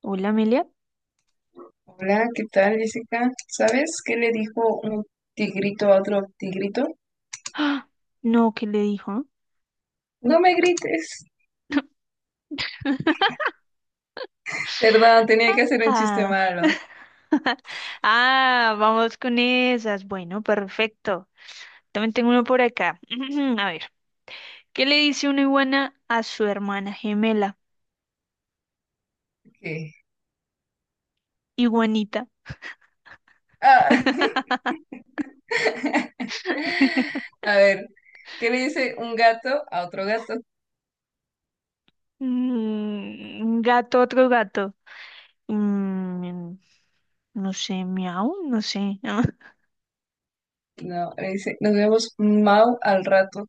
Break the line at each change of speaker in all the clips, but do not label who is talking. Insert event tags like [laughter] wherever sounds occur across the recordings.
Hola, Amelia.
Hola, ¿qué tal, Jessica? ¿Sabes qué le dijo un tigrito a otro tigrito?
¡Ah! No, ¿qué le dijo?
No me grites. Perdón, tenía que hacer un chiste
Ah.
malo.
[laughs] Ah, vamos con esas. Bueno, perfecto. También tengo uno por acá. [clears throat] A ver, ¿qué le dice una iguana a su hermana gemela?
¿Qué?
Iguanita.
Ah, [laughs] A ver, ¿qué le dice un gato a otro gato?
Mm, un gato, otro gato. Mm, no sé, miau, no sé. [laughs]
No, le dice, nos vemos mau al rato.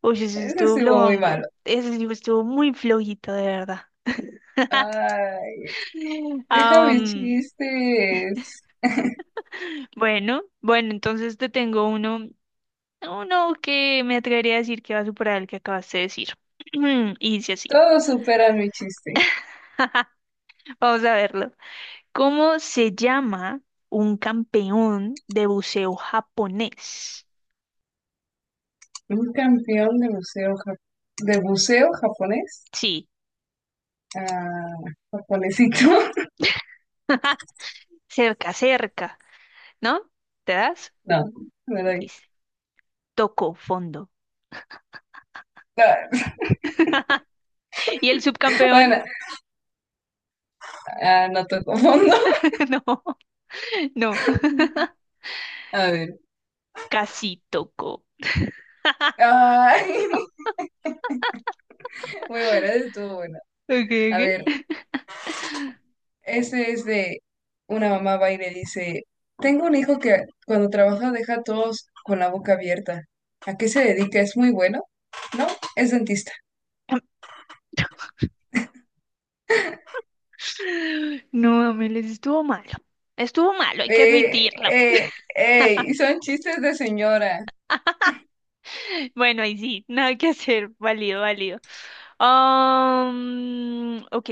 Oye, ese sí
Ese
estuvo
estuvo muy malo.
flojongo. Ese sí estuvo muy flojito, de verdad.
Ay,
[laughs]
deja mis
Am,
chistes.
bueno, bueno, entonces te tengo uno. Uno que me atrevería a decir que va a superar el que acabaste de decir. [clears throat] Y dice así.
Todos superan mi chiste.
Vamos a verlo. ¿Cómo se llama un campeón de buceo japonés?
Un campeón de buceo, de buceo japonés.
Sí,
Ah, japonesito. [laughs]
cerca, cerca, ¿no? ¿Te das?
No, no era ahí.
Listo. Tocó fondo.
No,
¿Y el
[laughs]
subcampeón?
bueno, ah, no toco fondo.
[laughs] No, no,
[laughs] A ver.
casi tocó.
Ay, [laughs] muy buena, estuvo buena.
Ok,
A ver,
ok.
este es de una mamá va y le dice, tengo un hijo que cuando trabaja deja a todos con la boca abierta. ¿A qué se dedica? ¿Es muy bueno? No, es dentista.
[clears throat] No, Amel, estuvo malo. Estuvo malo, hay que
Eh,
admitirlo.
eh, ey, son chistes de señora.
Bueno, ahí sí, nada que hacer, [laughs] válido, válido. Ok,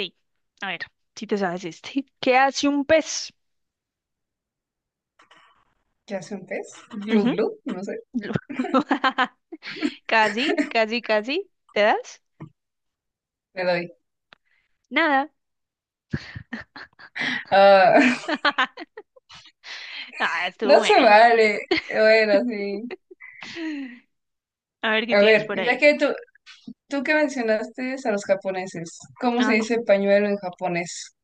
a ver, si te sabes este. ¿Qué hace un pez?
¿Qué hace un pez? Glu
Ujú.
glu, no sé,
[laughs] Casi, casi, casi. ¿Te das?
me doy.
Nada.
Ah,
[laughs] Ah, estuvo
no se
bueno.
vale. Bueno, sí.
A ver qué
A
tienes
ver,
por
ya
ahí.
que tú, tú que mencionaste a los japoneses, ¿cómo
A
se
ver.
dice pañuelo en japonés?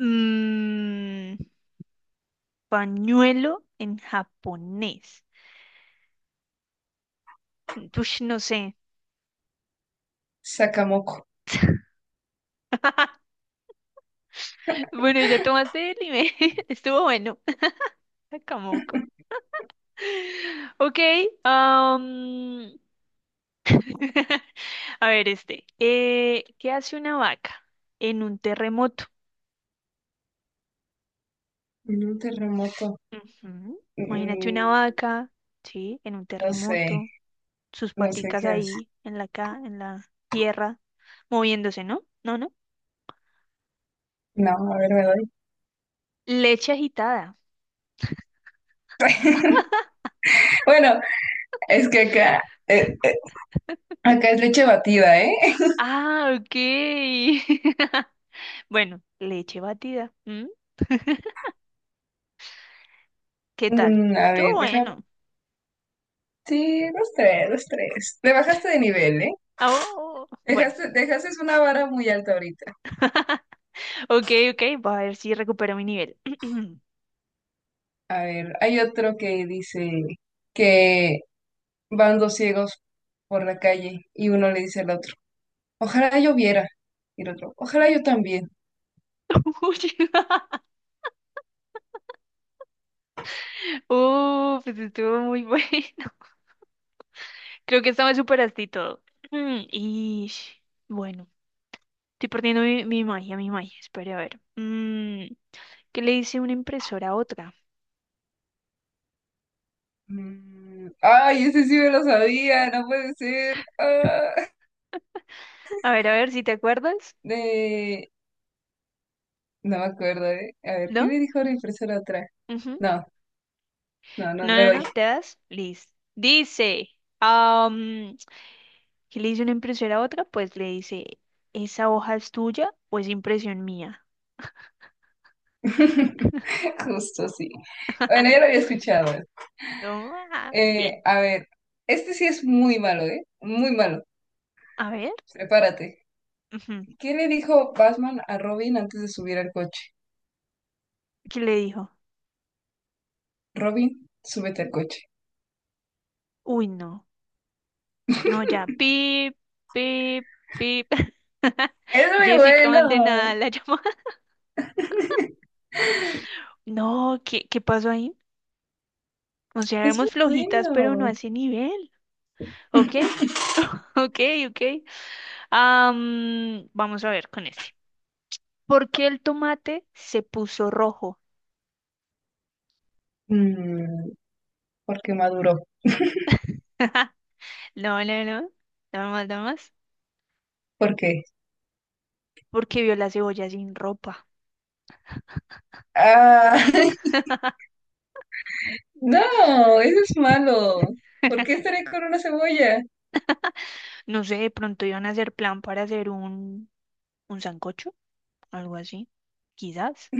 Mm, pañuelo en japonés. Ush, no sé.
Sakamoko.
[laughs] Bueno, ya tomaste el anime. [laughs] Estuvo bueno. [laughs] Kamoko. Ok, am, [laughs] a ver este. ¿Qué hace una vaca en un terremoto?
En un terremoto.
Ujú, imagínate una
Mm,
vaca, ¿sí? En un
no sé,
terremoto, sus
no sé
paticas
qué hace.
ahí en la, ca- en la tierra, moviéndose, ¿no? No, no.
No, a ver, me doy.
Leche agitada.
[laughs] Bueno, es que acá, eh, eh, acá es leche batida, ¿eh?
Ah, ok. [laughs] Bueno, leche batida. ¿M? ¿Qué tal?
Mm, a
Todo
ver, deja.
bueno.
Sí, los tres, los tres. Te bajaste de nivel, ¿eh?
Ah, oh, bueno,
Dejaste, dejaste una vara muy alta ahorita.
[laughs] ok, ok, voy a ver si recupero mi nivel. [clears throat]
A ver, hay otro que dice que van dos ciegos por la calle y uno le dice al otro, ojalá yo viera. Y el otro, ojalá yo también.
Uy, [laughs] oh, pues estuvo muy bueno. [laughs] Creo que esta me superaste y todo. Y bueno, estoy perdiendo mi magia, mi magia. Espera, a ver. Mm, ¿qué le dice una impresora a otra?
Mm, ay, ese sí me lo sabía, no puede ser. Ah,
A ver si te acuerdas.
de... No me acuerdo, ¿eh? A ver, ¿qué
¿No?
le dijo la impresora otra?
Ujú.
No, no, no,
No,
me
no,
doy.
no, te das. Listo. Dice, am, ¿qué le dice una impresora a otra? Pues le dice, ¿esa hoja es tuya o es impresión mía?
[laughs] Justo, sí. Bueno, ya lo
[laughs]
había escuchado.
Toma. Bien.
A ver, este sí es muy malo, ¿eh? Muy malo.
A ver.
Prepárate.
Ujú.
¿Qué le dijo Batman a Robin antes de subir al coche?
¿Qué le dijo?
Robin, súbete al coche.
Uy, no. No, ya. Pip, pip, pip. [laughs]
Es muy
Jessica, manden a
bueno,
la [laughs] llamada. No, ¿qué, qué pasó ahí? O sea,
es
éramos
muy
flojitas, pero no a
bueno.
ese nivel. Ok, ok, ok. Am, vamos a ver con este. ¿Por qué el tomate se puso rojo?
Mm, ¿por qué maduró?
[laughs] No, no, no. Dame más, dame más.
¿Por qué?
Porque vio la cebolla sin ropa.
Ah, [laughs]
[laughs]
no, eso es malo. ¿Por qué estaré con una cebolla?
No sé, de pronto iban a hacer plan para hacer un sancocho, algo así. Quizás.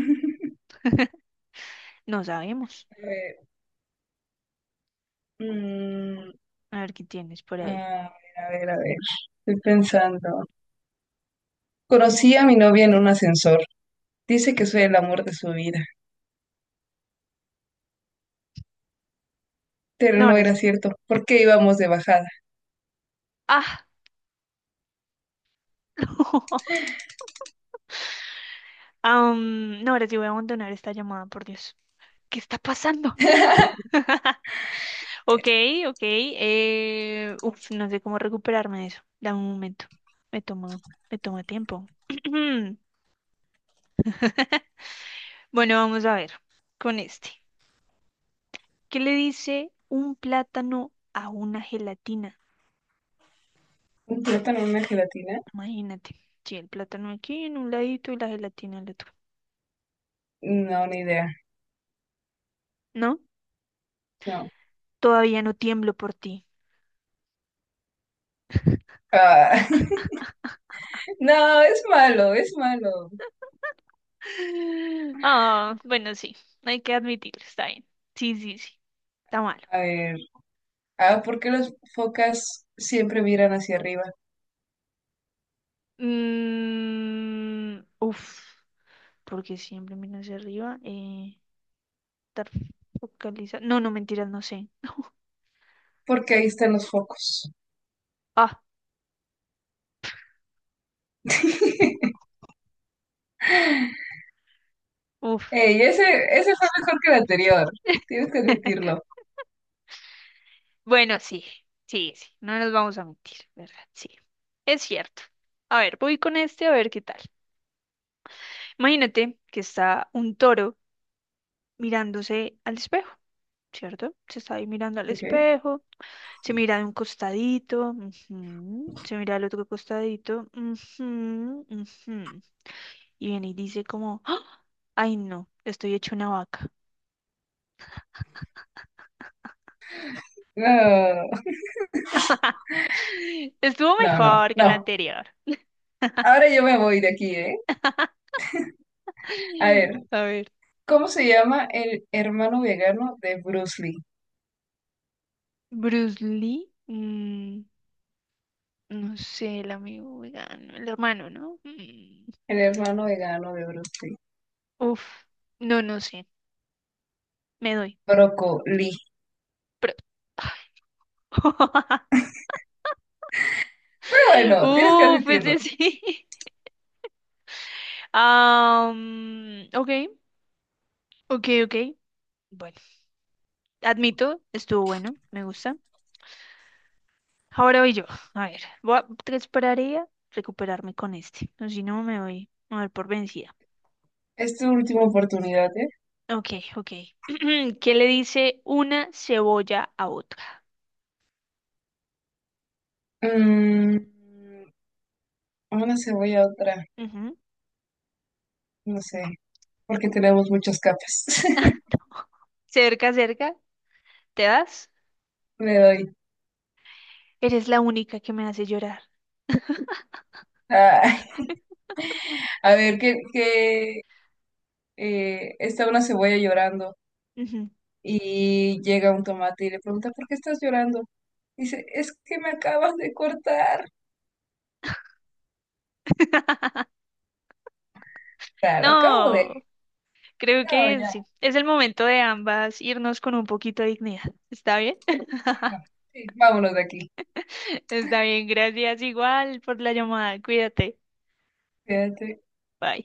No sabemos.
Eh, mm,
A ver qué tienes por
a ver,
ahí.
a ver, a ver. Estoy pensando. Conocí a mi novia en un ascensor. Dice que soy el amor de su vida, pero
No,
no
ahora
era
sí.
cierto. ¿Por qué íbamos de bajada?
Ah, [laughs] am, no, ahora sí voy a abandonar esta llamada, por Dios. ¿Qué está pasando? [laughs] Ok, ok. Uf, no sé cómo recuperarme de eso. Dame un momento. Me tomo, me toma tiempo. [clears throat] Bueno, vamos a ver con este. ¿Qué le dice un plátano a una gelatina?
¿Un plátano, una gelatina?
Imagínate. Sí, el plátano aquí en un ladito y la gelatina al otro.
No, ni idea.
¿No?
No.
Todavía no tiemblo por ti.
Ah, [laughs] no, es malo, es malo.
Ah, bueno, sí, hay que admitirlo, está bien. Sí, sí, sí, está malo.
A ver. Ah, ¿por qué las focas siempre miran hacia arriba?
Mm, uf, porque siempre miro hacia arriba. Estar focalizado. No, no, mentiras, no sé. [laughs]
Porque ahí están los focos.
Ah,
[laughs]
uf.
Ey, ese fue mejor que el anterior. Tienes que
[laughs]
admitirlo.
Bueno, sí, sí, sí, no nos vamos a mentir, ¿verdad? Sí, es cierto. A ver, voy con este a ver qué tal. Imagínate que está un toro mirándose al espejo. ¿Cierto? Se está ahí mirando al
Ok.
espejo, se mira de un costadito, ujú, se mira al otro costadito, ujú, ujú, y viene y dice como, ¡ah! Ay no, estoy hecho una vaca.
No,
[laughs] Estuvo
no, no,
mejor que la
no.
anterior.
Ahora yo me voy de aquí, ¿eh? A ver,
[laughs] A ver,
¿cómo se llama el hermano vegano de Bruce Lee?
Bruce Lee, mm, no sé, el amigo vegano, el hermano, ¿no? Mm,
El hermano vegano de Bruce Lee.
uf, no, no sé, me doy.
Brocoli.
Pero [laughs]
Fue bueno, tienes que
uf,
admitirlo.
ese sí. Ah, mm, ok, ok, ok. Bueno, admito, estuvo bueno, me gusta. Ahora voy yo. A ver, te esperaría recuperarme con este. O si no, me voy a dar por vencida.
Es tu última oportunidad, ¿eh?
Ok, ok. [clears throat] ¿Qué le dice una cebolla a otra?
Mm, una cebolla, otra.
Ujú.
No sé, porque tenemos muchas capas. [laughs]
[laughs] Cerca, cerca, ¿te das?
Le doy.
Eres la única que me hace llorar.
Ay, a ver, que está una cebolla llorando
Ujú.
y llega un tomate y le pregunta, ¿por qué estás llorando? Dice, es que me acabas de cortar. O
[laughs]
sea, lo acabo
No,
de...
creo
No,
que
ya.
sí. Es el momento de ambas irnos con un poquito de dignidad. ¿Está bien? [laughs]
Sí, no. Sí, vámonos de aquí.
[laughs] Está bien, gracias igual por la llamada. Cuídate.
Fíjate.
Bye.